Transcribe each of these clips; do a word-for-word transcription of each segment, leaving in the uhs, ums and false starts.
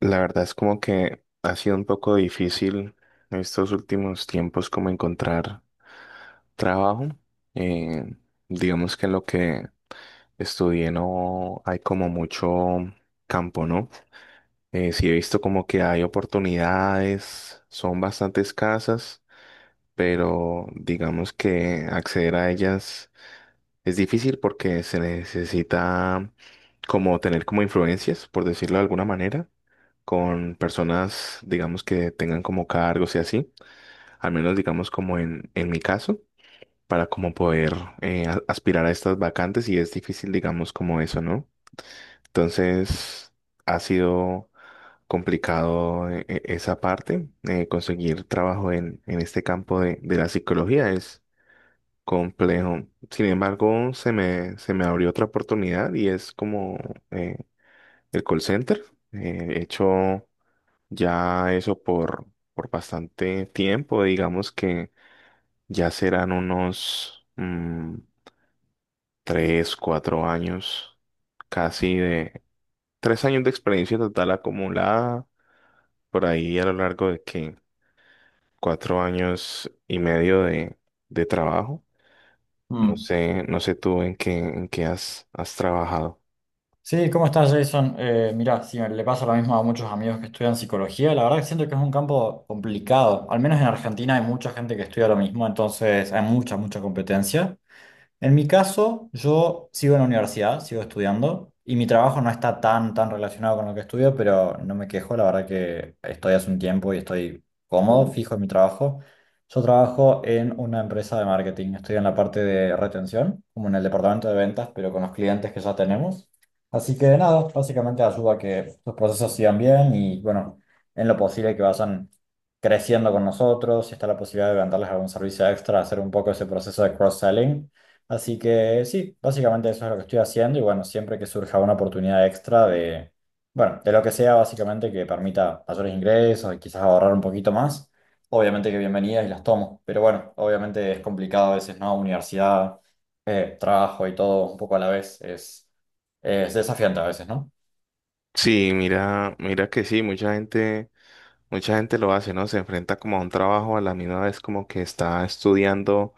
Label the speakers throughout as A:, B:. A: La verdad es como que ha sido un poco difícil en estos últimos tiempos como encontrar trabajo. Eh, digamos que lo que estudié no hay como mucho campo, ¿no? Eh, sí he visto como que hay oportunidades, son bastante escasas, pero digamos que acceder a ellas es difícil porque se necesita como tener como influencias, por decirlo de alguna manera con personas, digamos, que tengan como cargos y así, al menos digamos como en, en mi caso, para como poder eh, a- aspirar a estas vacantes y es difícil, digamos, como eso, ¿no? Entonces, ha sido complicado eh, eh, esa parte, eh, conseguir trabajo en, en este campo de, de la psicología es complejo. Sin embargo, se me, se me abrió otra oportunidad y es como eh, el call center. Eh, he hecho ya eso por, por bastante tiempo, digamos que ya serán unos mm, tres, cuatro años, casi de tres años de experiencia total acumulada, por ahí a lo largo de que cuatro años y medio de, de trabajo. No
B: Mm.
A: sé, no sé tú en qué, en qué has, has trabajado.
B: Sí, ¿cómo estás, Jason? Eh, mira, sí, le pasa lo mismo a muchos amigos que estudian psicología. La verdad que siento que es un campo complicado. Al menos en Argentina hay mucha gente que estudia lo mismo, entonces hay mucha, mucha competencia. En mi caso, yo sigo en la universidad, sigo estudiando y mi trabajo no está tan, tan relacionado con lo que estudio, pero no me quejo, la verdad que estoy hace un tiempo y estoy cómodo, fijo en mi trabajo. Yo trabajo en una empresa de marketing, estoy en la parte de retención, como en el departamento de ventas, pero con los clientes que ya tenemos. Así que nada, básicamente ayuda a que los procesos sigan bien y bueno, en lo posible que vayan creciendo con nosotros, si está la posibilidad de venderles algún servicio extra, hacer un poco ese proceso de cross-selling. Así que sí, básicamente eso es lo que estoy haciendo y bueno, siempre que surja una oportunidad extra de, bueno, de lo que sea básicamente que permita mayores ingresos y quizás ahorrar un poquito más, obviamente que bienvenidas y las tomo, pero bueno, obviamente es complicado a veces, ¿no? Universidad, eh, trabajo y todo un poco a la vez, es, es desafiante a veces, ¿no?
A: Sí, mira, mira que sí, mucha gente, mucha gente lo hace, ¿no? Se enfrenta como a un trabajo a la misma vez como que está estudiando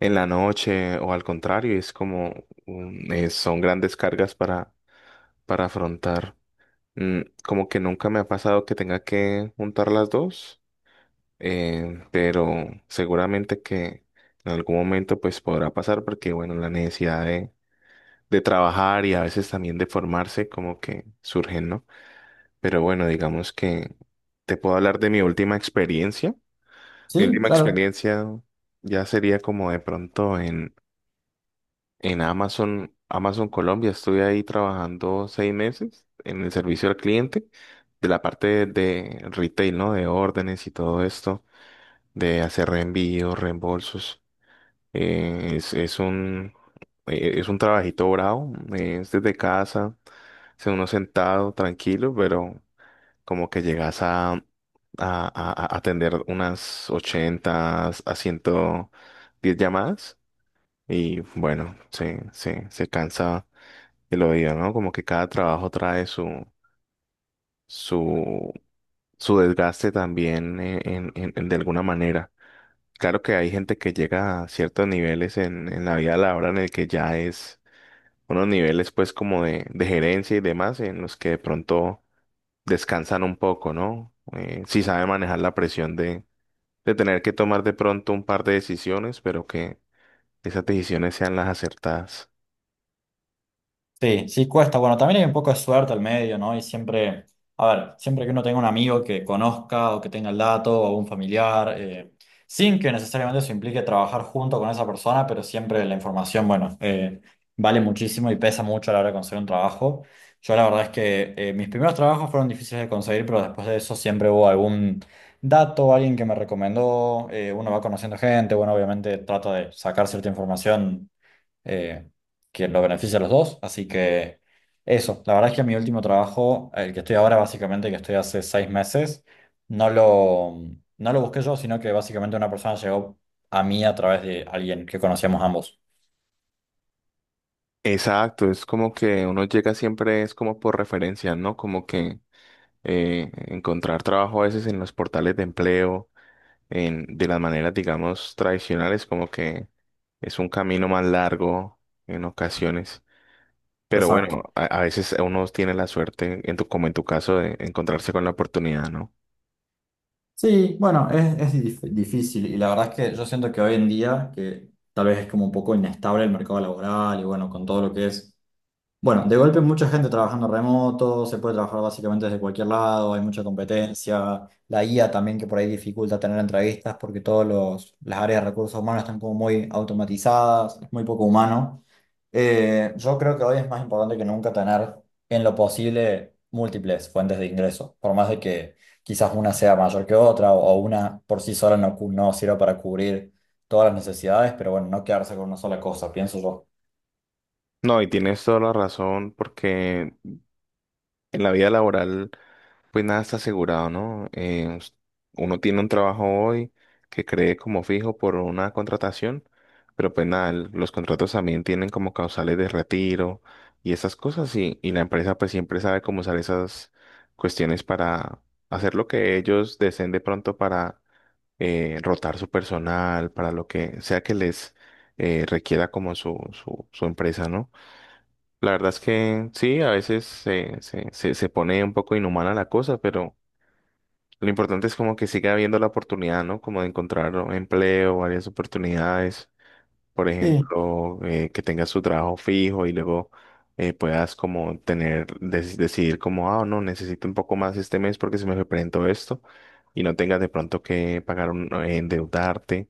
A: en la noche o al contrario, es como un- eh, son grandes cargas para, para afrontar. Mm, como que nunca me ha pasado que tenga que juntar las dos, eh, pero seguramente que en algún momento pues podrá pasar porque bueno, la necesidad de, de trabajar y a veces también de formarse como que surgen, ¿no? Pero bueno, digamos que te puedo hablar de mi última experiencia. Mi
B: Sí,
A: última
B: claro.
A: experiencia ya sería como de pronto en Amazon, Amazon Colombia, estuve ahí trabajando seis meses en el servicio al cliente de la parte de retail, ¿no? De órdenes y todo esto, de hacer reenvíos, reembolsos. Eh, es, es un, eh, es un trabajito bravo, eh, es desde casa, es uno sentado, tranquilo, pero como que llegas a, a, a- a atender unas ochenta a ciento diez llamadas y bueno, se, se, se cansa que lo digo, ¿no? Como que cada trabajo trae su, su, su desgaste también eh, en, en- en- de alguna manera. Claro que hay gente que llega a ciertos niveles en, en la vida laboral en el que ya es unos niveles pues como de, de gerencia y demás en los que de pronto descansan un poco, ¿no? Eh, sí sabe manejar la presión de, de tener que tomar de pronto un par de decisiones, pero que esas decisiones sean las acertadas.
B: Sí, sí cuesta. Bueno, también hay un poco de suerte al medio, ¿no? Y siempre, a ver, siempre que uno tenga un amigo que conozca o que tenga el dato o un familiar, eh, sin que necesariamente eso implique trabajar junto con esa persona, pero siempre la información, bueno, eh, vale muchísimo y pesa mucho a la hora de conseguir un trabajo. Yo la verdad es que eh, mis primeros trabajos fueron difíciles de conseguir, pero después de eso siempre hubo algún dato, alguien que me recomendó, eh, uno va conociendo gente, bueno, obviamente trata de sacar cierta información eh, que lo beneficia a los dos. Así que eso, la verdad es que mi último trabajo, el que estoy ahora básicamente, que estoy hace seis meses, no lo, no lo busqué yo, sino que básicamente una persona llegó a mí a través de alguien que conocíamos ambos.
A: Exacto, es como que uno llega siempre, es como por referencia, ¿no? Como que eh, encontrar trabajo a veces en los portales de empleo, en, de las maneras, digamos, tradicionales, como que es un camino más largo en ocasiones. Pero
B: Exacto.
A: bueno, a, a veces uno tiene la suerte, en tu, como en tu caso, de encontrarse con la oportunidad, ¿no?
B: Sí, bueno, es, es dif- difícil y la verdad es que yo siento que hoy en día, que tal vez es como un poco inestable el mercado laboral y bueno, con todo lo que es bueno, de golpe mucha gente trabajando remoto, se puede trabajar básicamente desde cualquier lado, hay mucha competencia, la I A también que por ahí dificulta tener entrevistas porque todas las áreas de recursos humanos están como muy automatizadas, es muy poco humano. Eh, yo creo que hoy es más importante que nunca tener en lo posible múltiples fuentes de ingreso, por más de que quizás una sea mayor que otra o, o una por sí sola no, cu- no sirva para cubrir todas las necesidades, pero bueno, no quedarse con una sola cosa, pienso yo.
A: No, y tienes toda la razón, porque en la vida laboral pues nada está asegurado, ¿no? Eh, us- uno tiene un trabajo hoy que cree como fijo por una contratación, pero pues nada, el- los contratos también tienen como causales de retiro y esas cosas y, y la empresa pues siempre sabe cómo usar esas cuestiones para hacer lo que ellos deseen de pronto para eh, rotar su personal, para lo que sea que les eh, requiera como su, su, su empresa, ¿no? La verdad es que sí, a veces se, se, se se pone un poco inhumana la cosa, pero... Lo importante es como que siga habiendo la oportunidad, ¿no? Como de encontrar un empleo, varias oportunidades. Por
B: Sí.
A: ejemplo, eh, que tengas su trabajo fijo y luego eh, puedas como tener, dec- decidir como, ah, no, necesito un poco más este mes porque se me presentó esto y no tengas de pronto que pagar un, eh, endeudarte,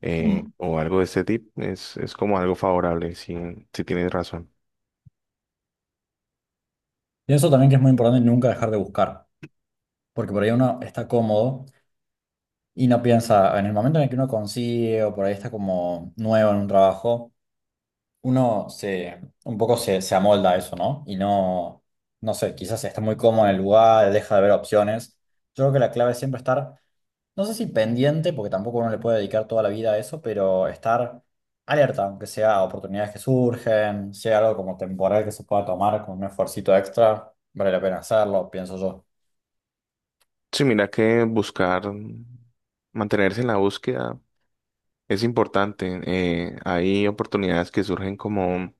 A: eh, o algo de este tipo. Es, es como algo favorable, si, si tienes razón.
B: Pienso también que es muy importante nunca dejar de buscar, porque por ahí uno está cómodo y no piensa, en el momento en el que uno consigue o por ahí está como nuevo en un trabajo, uno se, un poco se, se amolda a eso, ¿no? Y no, no sé, quizás está muy cómodo en el lugar, deja de ver opciones. Yo creo que la clave es siempre estar, no sé si pendiente, porque tampoco uno le puede dedicar toda la vida a eso, pero estar alerta, aunque sea a oportunidades que surgen, sea algo como temporal que se pueda tomar con un esfuercito extra, vale la pena hacerlo, pienso yo.
A: Sí, mira que buscar, mm, mantenerse en la búsqueda es importante. Eh, hay oportunidades que surgen como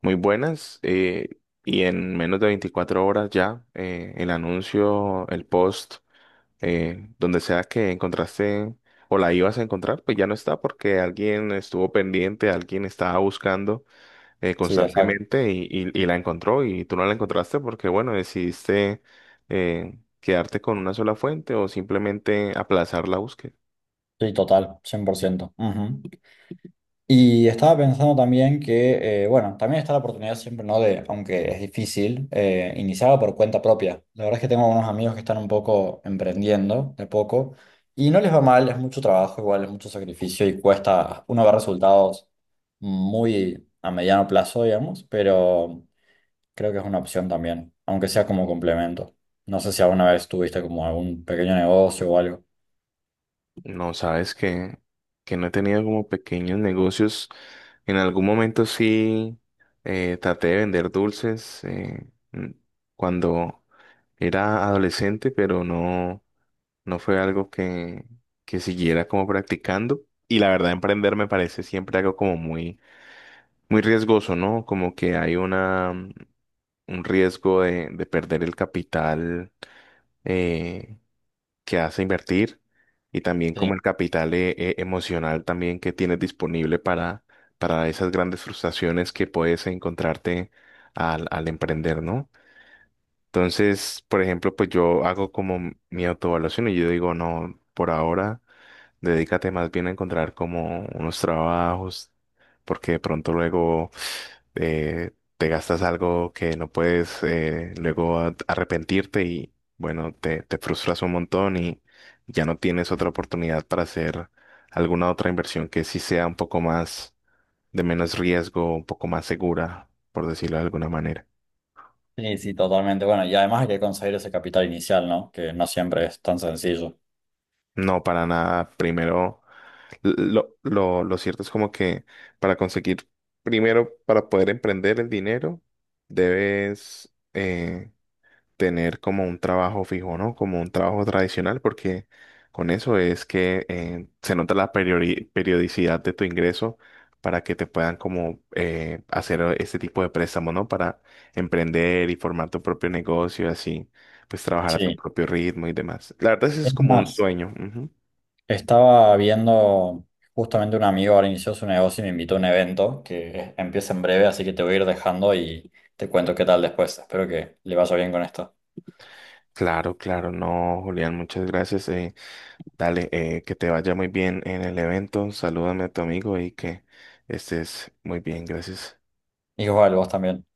A: muy buenas, eh, y en menos de veinticuatro horas ya eh, el anuncio, el post, eh, donde sea que encontraste o la ibas a encontrar, pues ya no está porque alguien estuvo pendiente, alguien estaba buscando eh,
B: Sí, exacto.
A: constantemente y, y- y la encontró y tú no la encontraste porque bueno, decidiste eh, quedarte con una sola fuente o simplemente aplazar la búsqueda.
B: Sí, total, cien por ciento. Ujú. Y estaba pensando también que, eh, bueno, también está la oportunidad siempre, ¿no? De, aunque es difícil, eh, iniciar por cuenta propia. La verdad es que tengo unos amigos que están un poco emprendiendo de poco y no les va mal, es mucho trabajo, igual es mucho sacrificio y cuesta, uno ve resultados muy a mediano plazo, digamos, pero creo que es una opción también, aunque sea como complemento. No sé si alguna vez tuviste como algún pequeño negocio o algo.
A: No, sabes que, que no he tenido como pequeños negocios. En algún momento sí eh, traté de vender dulces eh, mm, cuando era adolescente, pero no, no fue algo que, que siguiera como practicando. Y la verdad, emprender me parece siempre algo como muy, muy riesgoso, ¿no? Como que hay una, mm, un riesgo de, de perder el capital, eh, que hace invertir y también como el capital eh, eh, emocional también que tienes disponible para, para esas grandes frustraciones que puedes encontrarte al, al emprender, ¿no? Entonces, por ejemplo, pues yo hago como mi autoevaluación y yo digo, no, por ahora. Dedícate más bien a encontrar como unos trabajos, porque de pronto luego eh, te gastas algo que no puedes, eh, luego a- arrepentirte y bueno, te, te frustras un montón y ya no tienes otra oportunidad para hacer alguna otra inversión que sí sea un poco más de menos riesgo, un poco más segura, por decirlo de alguna manera.
B: Sí, sí, totalmente. Bueno, y además hay que conseguir ese capital inicial, ¿no? Que no siempre es tan sencillo.
A: No, para nada. Primero, Lo, lo, lo cierto es como que para conseguir, primero, para poder emprender el dinero, debes eh, tener como un trabajo fijo, ¿no? Como un trabajo tradicional, porque con eso es que eh, se nota la periori- periodicidad de tu ingreso para que te puedan como eh, hacer este tipo de préstamo, ¿no? Para emprender y formar tu propio negocio, así, pues trabajar a tu
B: Sí.
A: propio ritmo y demás. La verdad, ese es
B: Es
A: como un
B: más,
A: sueño.
B: estaba viendo justamente un amigo ahora inició su negocio y me invitó a un evento que empieza en breve, así que te voy a ir dejando y te cuento qué tal después. Espero que le vaya bien con esto.
A: Claro, claro, no, Julián, muchas gracias. Eh, dale, eh, que te vaya muy bien en el evento. Salúdame a tu amigo y que estés muy bien. Gracias.
B: Igual, vos también.